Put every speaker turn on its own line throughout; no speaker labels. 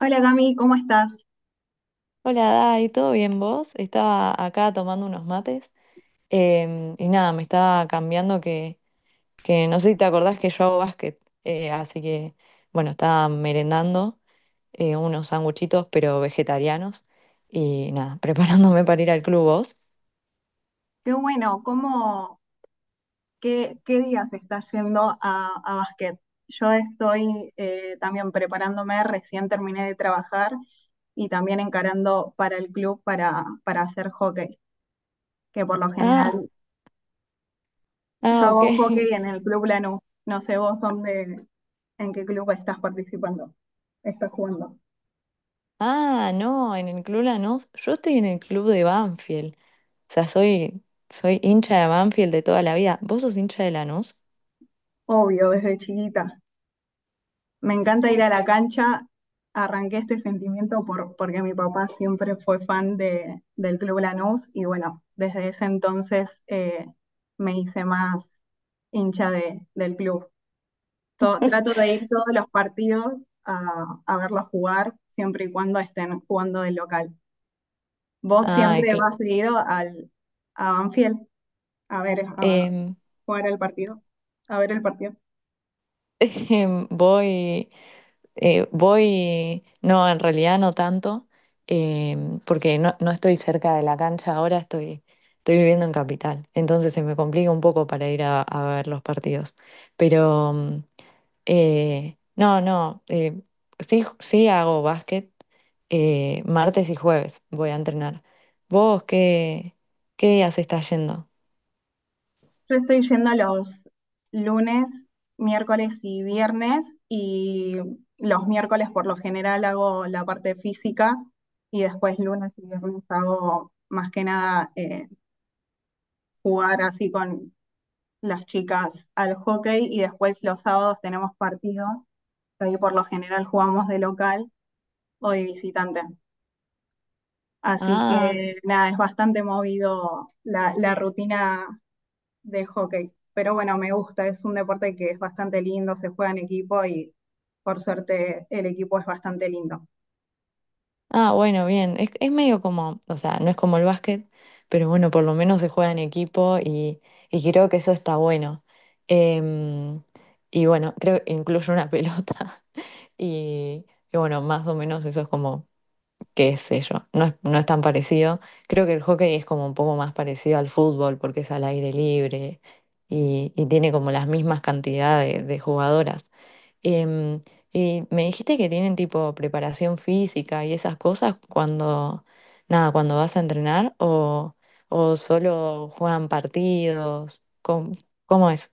Hola Cami, ¿cómo estás?
Hola, Dai, ¿todo bien vos? Estaba acá tomando unos mates y nada, me estaba cambiando que no sé si te acordás que yo hago básquet, así que bueno, estaba merendando unos sanguchitos pero vegetarianos y nada, preparándome para ir al club vos.
Qué bueno, ¿qué día se está yendo a básquet? Yo estoy también preparándome, recién terminé de trabajar y también encarando para el club para hacer hockey, que por lo
Ah,
general yo
ah, ok.
hago hockey en el Club Lanús. No sé vos en qué club estás participando, estás jugando.
Ah, no, en el club Lanús, yo estoy en el club de Banfield, o sea, soy hincha de Banfield de toda la vida. ¿Vos sos hincha de Lanús?
Obvio, desde chiquita. Me encanta ir a la cancha. Arranqué este sentimiento porque mi papá siempre fue fan del Club Lanús y bueno, desde ese entonces me hice más hincha del club. Trato de ir todos los partidos a verlos jugar, siempre y cuando estén jugando del local. ¿Vos
Ah,
siempre vas seguido a Banfield a ver, a jugar el partido? A ver el partido.
Voy, voy, no, en realidad no tanto, porque no estoy cerca de la cancha ahora, estoy viviendo en Capital, entonces se me complica un poco para ir a ver los partidos. Pero no, no, sí, sí hago básquet martes y jueves, voy a entrenar. ¿Vos qué días estás yendo?
Yo estoy yendo los lunes, miércoles y viernes y los miércoles por lo general hago la parte física y después lunes y viernes hago más que nada jugar así con las chicas al hockey y después los sábados tenemos partido. Ahí por lo general jugamos de local o de visitante. Así
Ah.
que nada, es bastante movido la rutina de hockey. Pero bueno, me gusta, es un deporte que es bastante lindo, se juega en equipo y por suerte el equipo es bastante lindo.
Ah, bueno, bien. Es medio como, o sea, no es como el básquet, pero bueno, por lo menos se juega en equipo y creo que eso está bueno. Em, y bueno, creo que incluye una pelota. Y, y bueno, más o menos eso es como, qué sé yo, no es tan parecido. Creo que el hockey es como un poco más parecido al fútbol porque es al aire libre y tiene como las mismas cantidades de jugadoras. Em, y me dijiste que tienen tipo preparación física y esas cosas nada, cuando vas a entrenar o solo juegan partidos, cómo es?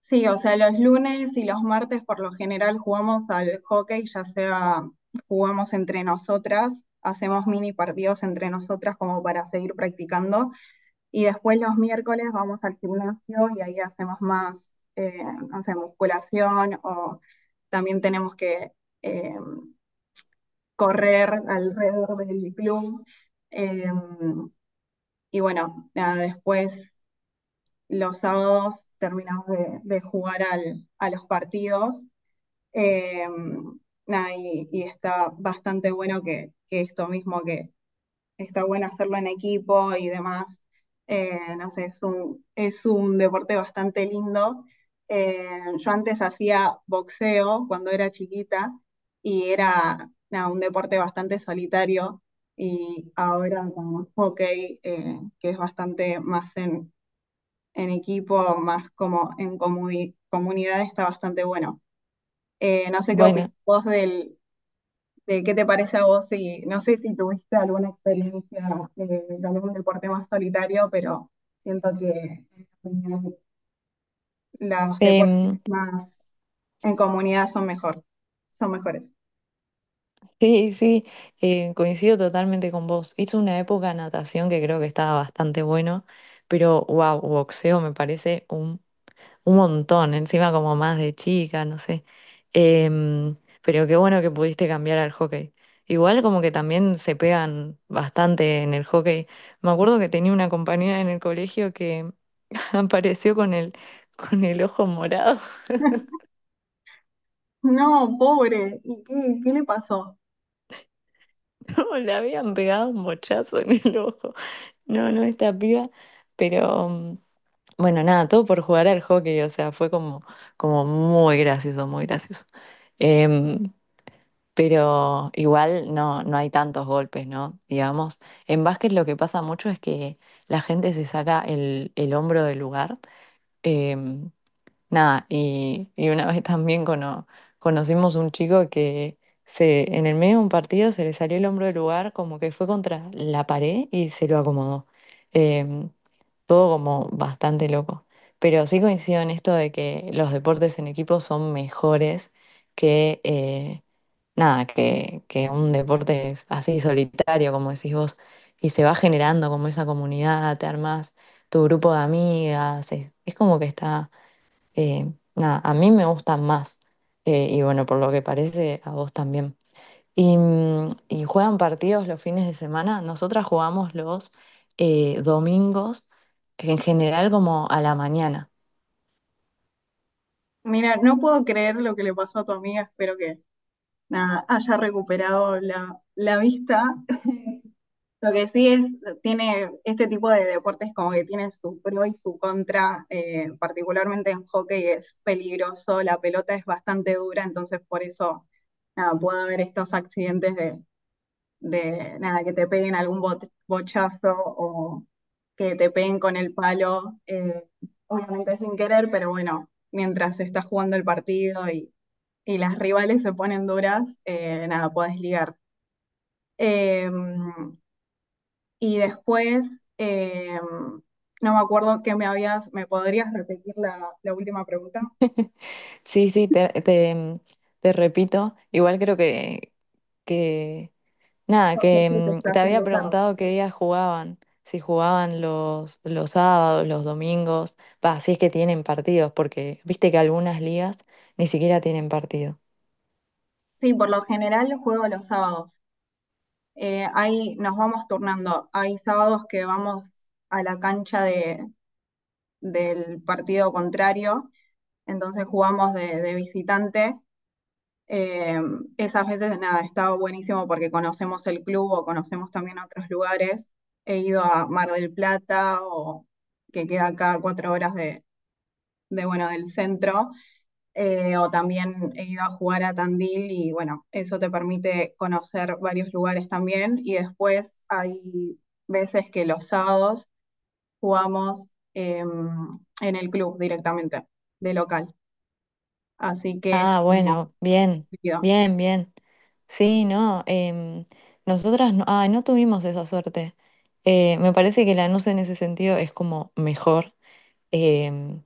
Sí, o sea, los lunes y los martes por lo general jugamos al hockey, ya sea jugamos entre nosotras, hacemos mini partidos entre nosotras como para seguir practicando y después los miércoles vamos al gimnasio y ahí hacemos más, eh, no sé, musculación o también tenemos que eh, correr alrededor del club. Eh, y bueno, nada, después los sábados terminamos de jugar a los partidos. Eh, nada, y, está bastante bueno que esto mismo que, está bueno hacerlo en equipo y demás. No sé, es un deporte bastante lindo. Eh, yo antes hacía boxeo cuando era chiquita y era nada, un deporte bastante solitario y ahora con hockey, que es bastante más en equipo, más como en comunidad, está bastante bueno. No sé qué opinas
Bueno,
vos de qué te parece a vos y no sé si tuviste alguna experiencia de algún deporte más solitario, pero siento que en mi opinión, los deportes
em,
más en comunidad son mejor, son mejores.
sí, sí, coincido totalmente con vos. Hice una época de natación que creo que estaba bastante bueno, pero wow, boxeo me parece un montón, encima como más de chica, no sé. Em, pero qué bueno que pudiste cambiar al hockey. Igual como que también se pegan bastante en el hockey. Me acuerdo que tenía una compañera en el colegio que apareció con con el ojo morado.
No, pobre, ¿y qué le pasó?
No, le habían pegado un bochazo en el ojo. No, no, esta piba. Pero bueno, nada, todo por jugar al hockey. O sea, fue como, como muy gracioso, muy gracioso. Em, Pero igual no, no hay tantos golpes, ¿no? Digamos, en básquet lo que pasa mucho es que la gente se saca el hombro del lugar. Em, Nada, y una vez también conocimos un chico que en el medio de un partido se le salió el hombro del lugar como que fue contra la pared y se lo acomodó. Em, Todo como bastante loco. Pero sí coincido en esto de que los deportes en equipo son mejores que, nada, que un deporte es así solitario, como decís vos, y se va generando como esa comunidad, te armas tu grupo de amigas, es como que está, nada, a mí me gustan más, y bueno, por lo que parece, a vos también. Y, mm, y juegan partidos los fines de semana. Nosotras jugamos los domingos, en general como a la mañana.
Mira, no puedo creer lo que le pasó a tu amiga, espero que nada, haya recuperado la vista. Lo que sí es, tiene este tipo de deportes como que tiene su pro y su contra, particularmente en hockey es peligroso, la pelota es bastante dura, entonces por eso nada, puede haber estos accidentes de nada, que te peguen algún bochazo o que te peguen con el palo, obviamente sin querer, pero bueno, mientras se está jugando el partido, y las rivales se ponen duras, nada, puedes ligar. Em, y después, eh, no me acuerdo que me habías, ¿me podrías repetir la última pregunta?
Sí, sí, te repito, igual creo que nada,
Porque esto te
que
está
mm, te había
haciendo tarde.
preguntado qué días jugaban, si jugaban los sábados, los domingos, pa, si es que tienen partidos, porque viste que algunas ligas ni siquiera tienen partido.
Sí, por lo general juego los sábados. Ahí nos vamos turnando. Hay sábados que vamos a la cancha del partido contrario, entonces jugamos de visitante. Eh, Esas veces, nada, estaba buenísimo porque conocemos el club o conocemos también otros lugares. He ido a Mar del Plata o que queda acá a 4 horas de bueno, del centro, o también he ido a jugar a Tandil y bueno, eso te permite conocer varios lugares también. Y después hay veces que los sábados jugamos en el club directamente, de local. Así que es
Ah,
como...
bueno, bien,
seguido.
bien, bien. Sí, no, nosotras no, ah, no tuvimos esa suerte. Me parece que Lanús en ese sentido es como mejor, em,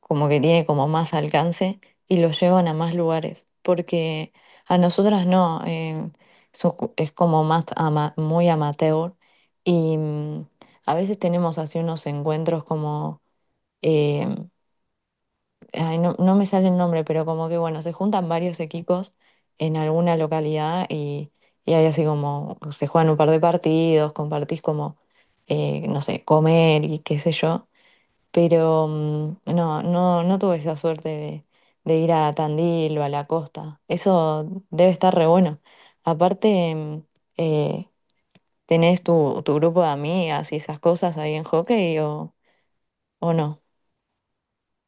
como que tiene como más alcance y lo llevan a más lugares, porque a nosotras no, es como más muy amateur y mm, a veces tenemos así unos encuentros como em, ay, no, no me sale el nombre, pero como que bueno, se juntan varios equipos en alguna localidad y hay así como, se juegan un par de partidos, compartís como, no sé, comer y qué sé yo, pero no, no, no tuve esa suerte de ir a Tandil o a la costa, eso debe estar re bueno. Aparte, mm, eh, ¿tenés tu grupo de amigas y esas cosas ahí en hockey o no?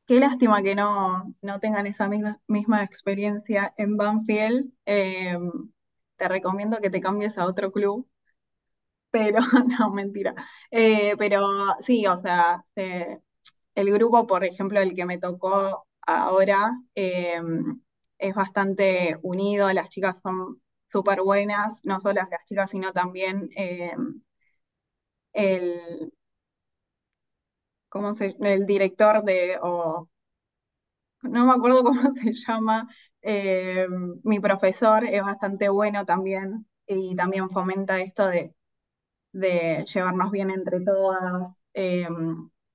Qué lástima que no, no tengan esa misma, misma experiencia en Banfield. Te recomiendo que te cambies a otro club, pero no, mentira. Pero sí, o sea, el grupo, por ejemplo, el que me tocó ahora, es bastante unido, las chicas son súper buenas, no solo las chicas, sino también el, ¿cómo el director de, o no me acuerdo cómo se llama, eh, mi profesor es bastante bueno también y también fomenta esto de llevarnos bien entre todas,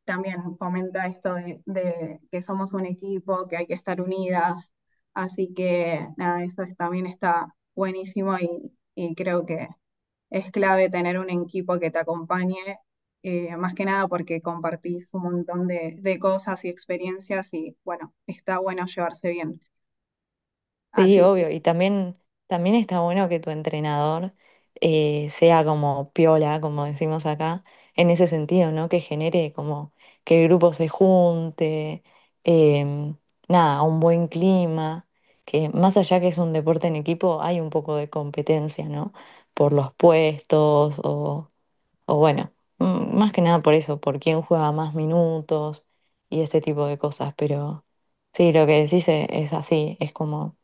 también fomenta esto de que somos un equipo, que hay que estar unidas, así que nada, eso es- también está buenísimo y creo que es clave tener un equipo que te acompañe, más que nada porque compartís un montón de cosas y experiencias y bueno, está bueno llevarse bien.
Sí,
Así que
obvio. Y también, también está bueno que tu entrenador sea como piola, como decimos acá, en ese sentido, ¿no? Que genere como que el grupo se junte, em, nada, un buen clima, que más allá que es un deporte en equipo, hay un poco de competencia, ¿no? Por los puestos o bueno, mm, más que nada por eso, por quién juega más minutos y ese tipo de cosas, pero... Sí, lo que decís es así, es como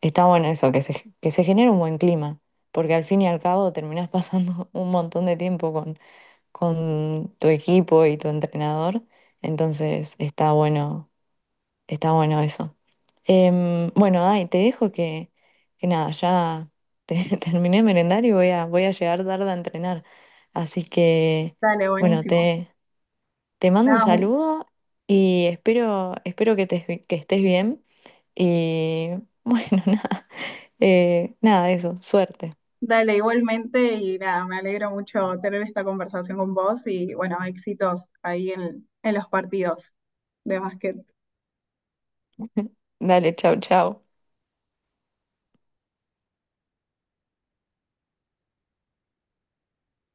está bueno eso, que se genere un buen clima, porque al fin y al cabo terminás pasando un montón de tiempo con tu equipo y tu entrenador, entonces está bueno eso. Bueno, Dai, te dejo que nada, ya terminé de merendar y voy voy a llegar tarde a entrenar. Así que,
dale,
bueno,
buenísimo.
te mando un
Nada, un-
saludo y espero, espero que estés bien y bueno, nada, nada, eso, suerte.
dale igualmente y nada, me alegro mucho tener esta conversación con vos y bueno, éxitos ahí en los partidos de básquet.
Dale, chao, chao.